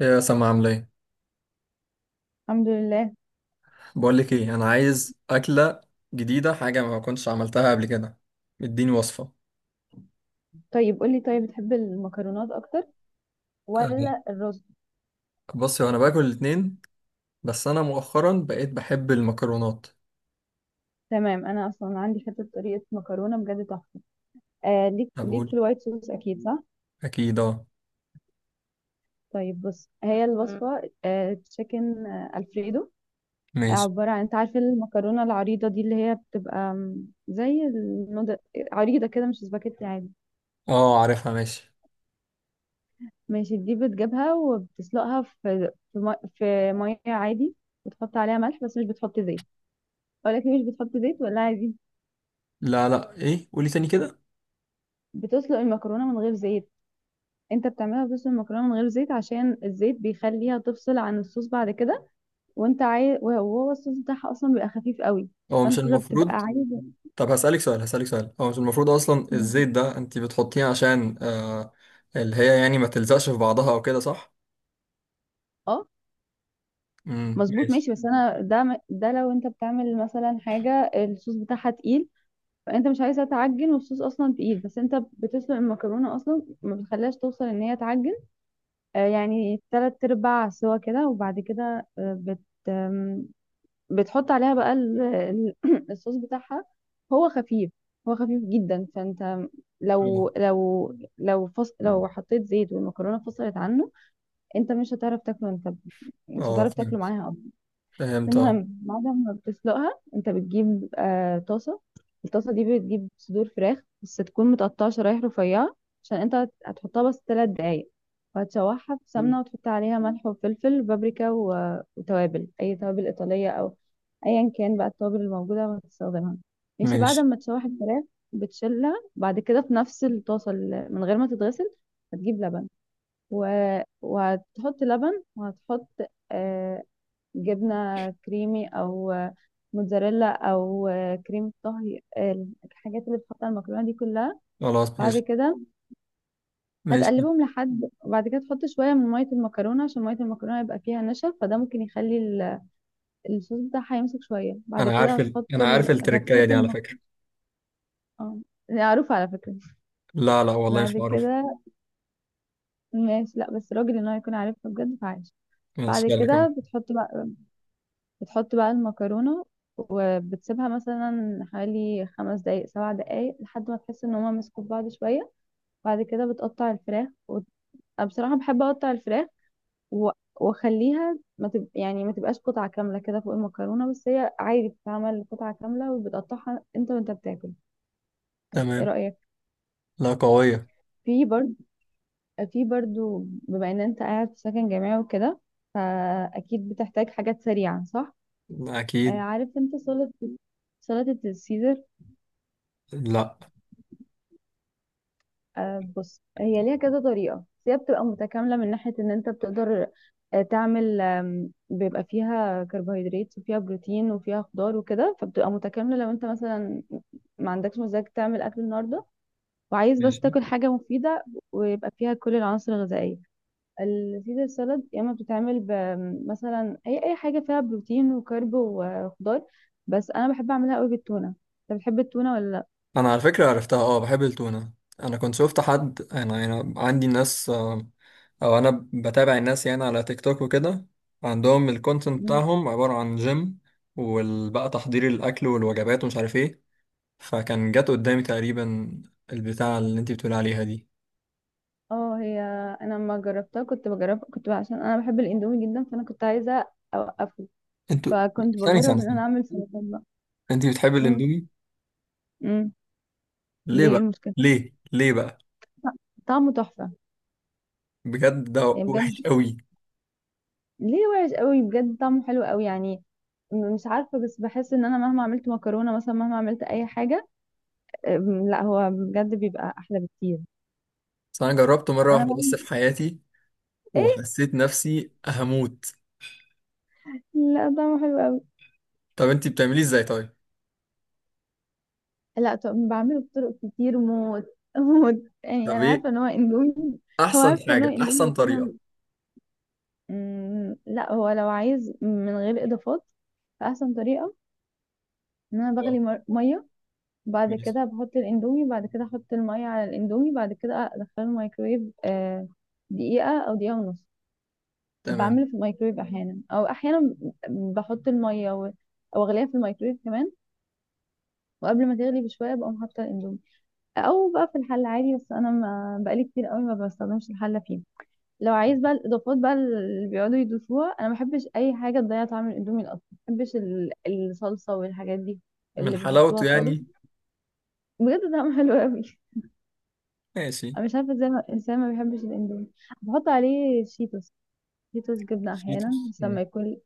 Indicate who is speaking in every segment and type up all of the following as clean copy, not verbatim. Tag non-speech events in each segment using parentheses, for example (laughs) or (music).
Speaker 1: ايه يا سما، عامله ايه؟
Speaker 2: الحمد لله.
Speaker 1: بقول لك ايه، انا عايز اكله جديده، حاجه ما كنتش عملتها قبل كده. اديني وصفه.
Speaker 2: طيب قولي، طيب بتحب المكرونات اكتر ولا
Speaker 1: أه.
Speaker 2: الرز؟
Speaker 1: بصي، وانا باكل الاتنين، بس انا مؤخرا بقيت بحب المكرونات.
Speaker 2: تمام، انا اصلا عندي حته طريقه مكرونه بجد تحفه. آه ليك في
Speaker 1: بقول،
Speaker 2: الوايت صوص، اكيد صح.
Speaker 1: اكيد اه.
Speaker 2: طيب بص، هي الوصفه تشيكن الفريدو.
Speaker 1: ماشي.
Speaker 2: عباره عن، انت عارفه المكرونه العريضه دي اللي هي بتبقى زي النودل، عريضه كده، مش سباكيتي عادي.
Speaker 1: اه، عارفها. ماشي.
Speaker 2: ماشي، دي بتجيبها وبتسلقها في في ميه عادي، وتحط عليها ملح بس مش بتحط زيت. اقول لك ليه مش بتحط زيت ولا عادي؟
Speaker 1: لا لا، ايه؟ قولي تاني كده.
Speaker 2: بتسلق المكرونه من غير زيت. انت بتعملها بصوص المكرونه من غير زيت عشان الزيت بيخليها تفصل عن الصوص بعد كده، وانت عايز، وهو الصوص بتاعها اصلا بيبقى خفيف قوي،
Speaker 1: هو مش
Speaker 2: فانت ده بتبقى
Speaker 1: المفروض.
Speaker 2: عايز.
Speaker 1: طب هسألك سؤال، هسألك سؤال، هو مش المفروض اصلا
Speaker 2: مم.
Speaker 1: الزيت ده انت بتحطيه عشان اللي هي يعني ما تلزقش في بعضها او كده، صح؟
Speaker 2: اه مظبوط.
Speaker 1: ماشي.
Speaker 2: ماشي، بس انا ده لو انت بتعمل مثلا حاجه الصوص بتاعها تقيل، فانت مش عايزها تعجن والصوص اصلا تقيل، بس انت بتسلق المكرونه اصلا ما بتخليهاش توصل ان هي تعجن. يعني 3 ارباع سوا كده، وبعد كده آه، بت بتحط عليها بقى (clears throat) الصوص بتاعها. هو خفيف، هو خفيف جدا. فانت
Speaker 1: اه
Speaker 2: لو لو لو حطيت زيت والمكرونه فصلت عنه، انت مش هتعرف تاكله، انت مش
Speaker 1: اه،
Speaker 2: هتعرف تاكله
Speaker 1: فهمت.
Speaker 2: معاها.
Speaker 1: فهمت اه.
Speaker 2: المهم بعد ما بتسلقها، انت بتجيب طاسة. الطاسة دي بتجيب صدور فراخ بس تكون متقطعة شرايح رفيعة، عشان انت هتحطها بس 3 دقايق. وهتشوحها في سمنة، وتحط عليها ملح وفلفل وبابريكا و... وتوابل، أي توابل إيطالية، أو أيا كان بقى التوابل الموجودة وهتستخدمها. ماشي، بعد
Speaker 1: ماشي.
Speaker 2: ما تشوح الفراخ، بتشيلها بعد كده في نفس الطاسة من غير ما تتغسل. هتجيب لبن، و... وهتحط لبن، وهتحط آه، جبنة كريمي، أو موتزاريلا، أو كريمة طهي، الحاجات اللي بتحط على المكرونة دي كلها.
Speaker 1: خلاص
Speaker 2: بعد
Speaker 1: ماشي.
Speaker 2: كده
Speaker 1: ماشي.
Speaker 2: هتقلبهم لحد، وبعد كده تحط شوية من مية المكرونة عشان مية المكرونة يبقى فيها نشا، فده ممكن يخلي الصوص بتاعها يمسك شوية. بعد كده
Speaker 1: انا عارف
Speaker 2: هتحط
Speaker 1: التركايه دي على فكره.
Speaker 2: المكرونة. اه دي معروفة على فكرة.
Speaker 1: لا لا، والله
Speaker 2: بعد
Speaker 1: مش معروف.
Speaker 2: كده ماشي، لا بس راجل ان هو يكون عارفها بجد فعايش.
Speaker 1: ماشي،
Speaker 2: بعد
Speaker 1: يلا كمل.
Speaker 2: كده بتحط بقى المكرونة، وبتسيبها مثلا حوالي 5 دقايق 7 دقايق لحد ما تحس ان هما مسكوا في بعض شوية. بعد كده بتقطع الفراخ و... أنا بصراحة بحب اقطع الفراخ و... واخليها ما تب... يعني ما تبقاش قطعة كاملة كده فوق المكرونة، بس هي عادي بتتعمل قطعة كاملة وبتقطعها انت وانت بتاكل. بس ايه
Speaker 1: تمام.
Speaker 2: رأيك؟
Speaker 1: لا، قويه.
Speaker 2: في برضو في برضو بما ان انت قاعد في سكن جامعي وكده، فاكيد بتحتاج حاجات سريعة، صح؟
Speaker 1: لا اكيد.
Speaker 2: عارف انت سلطة، سلطة السيزر؟
Speaker 1: لا.
Speaker 2: بص، هي ليها كذا طريقة، بس هي بتبقى متكاملة من ناحية ان انت بتقدر تعمل، بيبقى فيها كربوهيدرات وفيها بروتين وفيها خضار وكده، فبتبقى متكاملة لو انت مثلا ما عندكش مزاج تعمل اكل النهاردة، وعايز بس
Speaker 1: ماشي.
Speaker 2: تاكل حاجة مفيدة ويبقى فيها كل العناصر الغذائية. السيزر سالاد يا اما بتتعمل مثلا اي حاجة فيها بروتين وكرب وخضار، بس انا بحب اعملها قوي بالتونة. انت بتحب التونة ولا؟
Speaker 1: انا على فكره عرفتها. اه، بحب التونه. انا كنت شفت حد، انا عندي ناس او انا بتابع الناس يعني على تيك توك وكده. عندهم الكونتنت
Speaker 2: لا،
Speaker 1: بتاعهم عباره عن جيم، وبقى تحضير الاكل والوجبات ومش عارف ايه. فكان جت قدامي تقريبا البتاع اللي انت بتقول عليها دي.
Speaker 2: اه هي، انا لما جربتها كنت بجرب، كنت عشان انا بحب الاندومي جدا، فانا كنت عايزه اوقفه،
Speaker 1: انتوا
Speaker 2: فكنت بجرب
Speaker 1: ثانية
Speaker 2: ان انا
Speaker 1: ثانية.
Speaker 2: اعمل سلطان بقى.
Speaker 1: انت بتحب
Speaker 2: امم.
Speaker 1: الاندومي؟
Speaker 2: امم.
Speaker 1: ليه
Speaker 2: ليه إيه
Speaker 1: بقى؟
Speaker 2: المشكله؟
Speaker 1: ليه بقى؟
Speaker 2: طعمه تحفه،
Speaker 1: بجد ده
Speaker 2: يعني بجد.
Speaker 1: وحش قوي.
Speaker 2: ليه وحش قوي؟ بجد طعمه حلو قوي يعني. مش عارفه، بس بحس ان انا مهما عملت مكرونه مثلا، مهما عملت اي حاجه، لا هو بجد بيبقى احلى بكتير.
Speaker 1: بس انا جربته مره
Speaker 2: انا
Speaker 1: واحده بس
Speaker 2: بعمل
Speaker 1: في حياتي،
Speaker 2: ايه.
Speaker 1: وحسيت نفسي هموت.
Speaker 2: لا طعمه حلو قوي.
Speaker 1: طب انت بتعمليه ازاي طيب؟
Speaker 2: لا بعمله بطرق كتير موت (laughs) موت يعني،
Speaker 1: طب
Speaker 2: انا
Speaker 1: ايه
Speaker 2: عارفه ان هو اندومي. هو
Speaker 1: احسن
Speaker 2: عارفه ان هو
Speaker 1: حاجه،
Speaker 2: اندومي
Speaker 1: احسن
Speaker 2: بس انا
Speaker 1: طريقه؟
Speaker 2: لا، هو لو عايز من غير اضافات، فاحسن طريقه ان انا بغلي
Speaker 1: اه.
Speaker 2: ميه، بعد
Speaker 1: ماشي.
Speaker 2: كده بحط الاندومي، بعد كده احط الميه على الاندومي، بعد كده ادخله الميكرويف دقيقه او دقيقه ونص.
Speaker 1: تمام.
Speaker 2: بعمل في الميكرويف احيانا، او احيانا بحط الميه او اغليها في الميكرويف كمان، وقبل ما تغلي بشويه بقوم حاطه الاندومي، او بقى في الحله عادي، بس انا ما بقالي كتير قوي ما بستخدمش الحله فيه. لو عايز بقى الاضافات بقى اللي بيقعدوا يضيفوها، انا ما بحبش اي حاجه تضيع طعم الاندومي. اصلا ما بحبش الصلصه والحاجات دي
Speaker 1: من
Speaker 2: اللي بيحطوها
Speaker 1: حلاوته
Speaker 2: خالص.
Speaker 1: يعني.
Speaker 2: بجد طعمه (laughs) حلو قوي.
Speaker 1: ماشي.
Speaker 2: انا مش عارفه ازاي الانسان ما بيحبش الاندومي. بحط عليه شيتوس. شيتوس جبنه احيانا،
Speaker 1: شيتوس.
Speaker 2: بس
Speaker 1: مم.
Speaker 2: لما يكون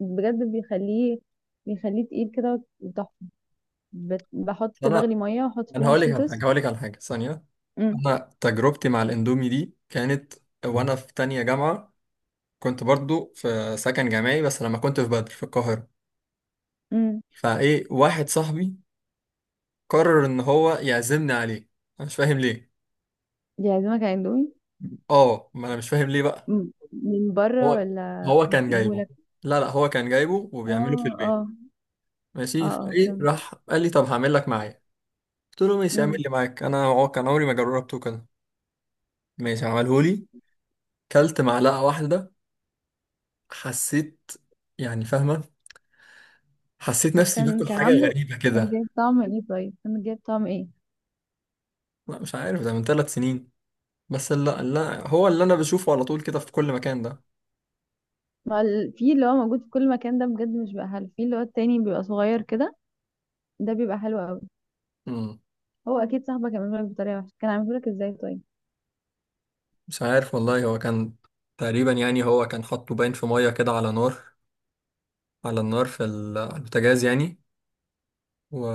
Speaker 2: بجد بيخليه، بيخليه تقيل كده وتحفه. بحط،
Speaker 1: انا
Speaker 2: بغلي ميه واحط
Speaker 1: انا
Speaker 2: فيها
Speaker 1: هقول لك على حاجه،
Speaker 2: شيتوس.
Speaker 1: هقول لك على حاجه ثانيه.
Speaker 2: امم.
Speaker 1: انا تجربتي مع الاندومي دي كانت وانا في تانية جامعه. كنت برضو في سكن جامعي، بس لما كنت في بدر في القاهره.
Speaker 2: امم.
Speaker 1: فايه واحد صاحبي قرر ان هو يعزمني عليه. انا مش فاهم ليه.
Speaker 2: دي عازمك على اندومي؟
Speaker 1: اه، ما انا مش فاهم ليه بقى.
Speaker 2: مم. من بره
Speaker 1: هو
Speaker 2: ولا
Speaker 1: هو كان جايبه.
Speaker 2: اجيبهولك؟
Speaker 1: لا لا، هو كان جايبه وبيعمله في
Speaker 2: اه.
Speaker 1: البيت.
Speaker 2: اه.
Speaker 1: ماشي،
Speaker 2: اه.
Speaker 1: فايه
Speaker 2: اه،
Speaker 1: راح قال لي طب هعمل لك معايا. قلت له ماشي، اعمل
Speaker 2: فهمت.
Speaker 1: لي معاك، انا كان عمري ما جربته كده. ماشي، عمله لي، كلت معلقه واحده، حسيت، يعني فاهمه، حسيت
Speaker 2: طب
Speaker 1: نفسي باكل
Speaker 2: كان
Speaker 1: حاجه
Speaker 2: عامله،
Speaker 1: غريبه
Speaker 2: كان
Speaker 1: كده.
Speaker 2: جايب طعم ايه، طيب كان جايب طعم ايه؟
Speaker 1: لا مش عارف، ده من 3 سنين. بس لا لا، هو اللي انا بشوفه على طول كده في كل مكان
Speaker 2: في اللي هو موجود في كل مكان ده بجد مش بقى حلو، في اللي هو التاني بيبقى صغير كده، ده بيبقى حلو قوي.
Speaker 1: ده.
Speaker 2: هو اكيد صاحبك عمله لك بطريقه وحشه، كان عامله لك ازاي طيب؟
Speaker 1: مش عارف والله، هو كان تقريبا يعني، هو كان حاطه باين في ميه كده على نار، على النار على البوتاجاز يعني.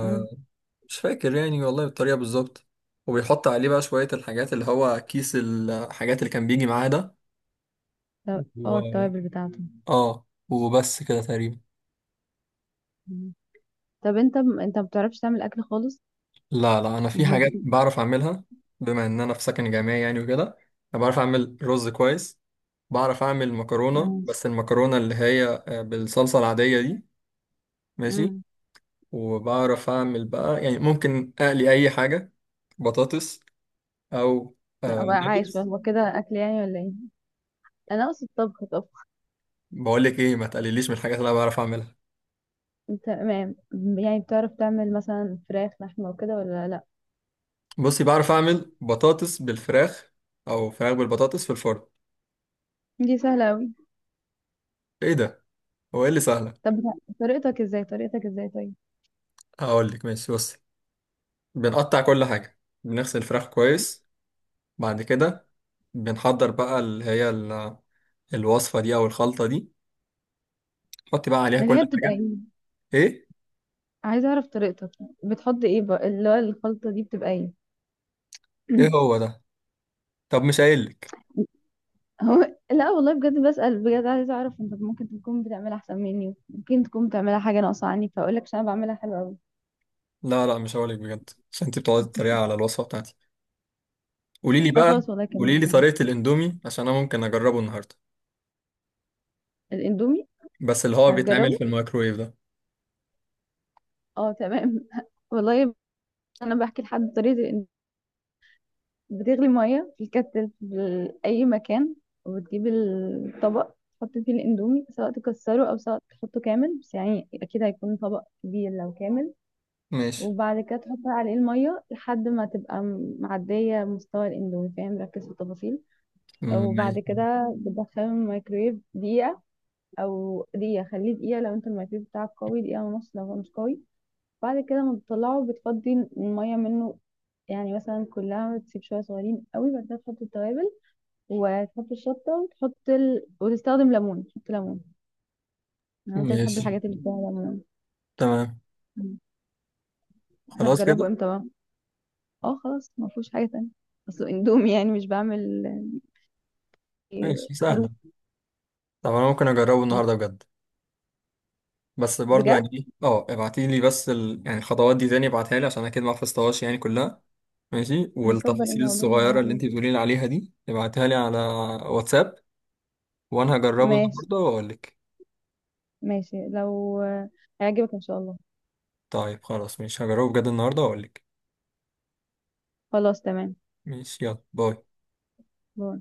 Speaker 2: مم.
Speaker 1: فاكر يعني والله الطريقه بالظبط. وبيحط عليه بقى شويه الحاجات، اللي هو كيس الحاجات اللي كان بيجي معاه ده.
Speaker 2: طب اه
Speaker 1: و...
Speaker 2: التوابل بتاعته.
Speaker 1: اه، وبس كده تقريبا.
Speaker 2: مم. طب انت ما بتعرفش تعمل اكل خالص؟
Speaker 1: لا لا، انا في
Speaker 2: امال
Speaker 1: حاجات بعرف اعملها. بما ان انا في سكن جامعي يعني وكده، انا بعرف اعمل رز كويس. بعرف اعمل مكرونه،
Speaker 2: ماشي.
Speaker 1: بس المكرونه اللي هي بالصلصه العاديه دي. ماشي.
Speaker 2: مم.
Speaker 1: وبعرف اعمل بقى يعني ممكن اقلي اي حاجه، بطاطس او
Speaker 2: لا بقى عايش بقى
Speaker 1: نجرس.
Speaker 2: هو كده اكل يعني ولا ايه؟ انا اقصد طبخ طبخ.
Speaker 1: بقول لك ايه، ما تقلليش من الحاجات اللي انا بعرف اعملها.
Speaker 2: تمام. يعني بتعرف تعمل مثلا فراخ لحمه وكده ولا لا؟
Speaker 1: بصي بعرف اعمل بطاطس بالفراخ، او فراخ بالبطاطس في الفرن.
Speaker 2: دي سهله قوي.
Speaker 1: ايه ده؟ هو ايه اللي سهله؟
Speaker 2: طب طريقتك ازاي طيب؟
Speaker 1: هقول لك. ماشي بصي، بنقطع كل حاجه، بنغسل الفراخ كويس. بعد كده بنحضر بقى اللي هي الوصفه دي او الخلطه دي. حطي بقى عليها
Speaker 2: اللي
Speaker 1: كل
Speaker 2: هي بتبقى
Speaker 1: حاجه.
Speaker 2: ايه؟
Speaker 1: ايه؟
Speaker 2: عايزه اعرف طريقتك. بتحط ايه بقى؟ اللي هو الخلطه دي بتبقى ايه؟
Speaker 1: ايه
Speaker 2: (clears throat)
Speaker 1: هو ده؟ طب مش قايل لك.
Speaker 2: هو لا والله بجد بسأل، بجد عايزه اعرف، انت ممكن تكون بتعملها احسن مني، ممكن تكون بتعملها حاجه ناقصه عني، فاقول لك عشان انا بعملها حلوه قوي.
Speaker 1: لا لا، مش هقولك بجد عشان انت بتقعدي تتريقي على الوصفه بتاعتي. قولي لي
Speaker 2: لا
Speaker 1: بقى،
Speaker 2: خلاص والله، كمل.
Speaker 1: قولي لي طريقه الاندومي عشان انا ممكن اجربه النهارده.
Speaker 2: الاندومي؟
Speaker 1: بس اللي هو بيتعمل
Speaker 2: هتجربه؟
Speaker 1: في الميكرويف ده.
Speaker 2: اه تمام (laughs) والله. انا بحكي لحد طريقه بتغلي ميه في الكتل في اي مكان، وبتجيب الطبق، تحط فيه الاندومي سواء تكسره او سواء تحطه كامل، بس يعني اكيد هيكون طبق كبير لو كامل.
Speaker 1: ماشي.
Speaker 2: وبعد كده تحط عليه المية لحد ما تبقى معدية مستوى الاندومي. فاهم؟ ركز في التفاصيل. وبعد
Speaker 1: ماشي.
Speaker 2: كده بتدخله الميكرويف دقيقة، أو دقيقة خليه دقيقة لو انت الميكرويف بتاعك قوي، دقيقة ونص لو هو مش قوي. بعد كده ما بتطلعه بتفضي المية منه، يعني مثلا كلها تسيب شوية صغيرين قوي. بعد كده تحط التوابل وتحط الشطة وتستخدم ليمون، تحط ليمون لو انت بتحب
Speaker 1: ماشي.
Speaker 2: الحاجات اللي فيها ليمون.
Speaker 1: تمام. خلاص كده.
Speaker 2: هتجربه امتى بقى؟ اه خلاص ما فيهوش حاجه تانية، اصله اندومي يعني مش بعمل
Speaker 1: ماشي سهله.
Speaker 2: خروف.
Speaker 1: طب انا ممكن اجربه النهارده بجد. بس برضو
Speaker 2: بجد
Speaker 1: يعني ايه، اه ابعتي لي بس يعني الخطوات دي تاني ابعتها لي عشان اكيد ما حفظتهاش يعني كلها. ماشي،
Speaker 2: مكبر
Speaker 1: والتفاصيل
Speaker 2: ان اقول لهم
Speaker 1: الصغيره اللي انت
Speaker 2: عندي.
Speaker 1: بتقولي لي عليها دي ابعتها لي على واتساب. وانا هجربه
Speaker 2: ماشي.
Speaker 1: النهارده واقول لك.
Speaker 2: ماشي لو هيعجبك ان شاء الله.
Speaker 1: طيب خلاص، مش هجربه بجد النهارده واقول لك.
Speaker 2: خلاص تمام.
Speaker 1: ماشي. يلا باي.
Speaker 2: باي.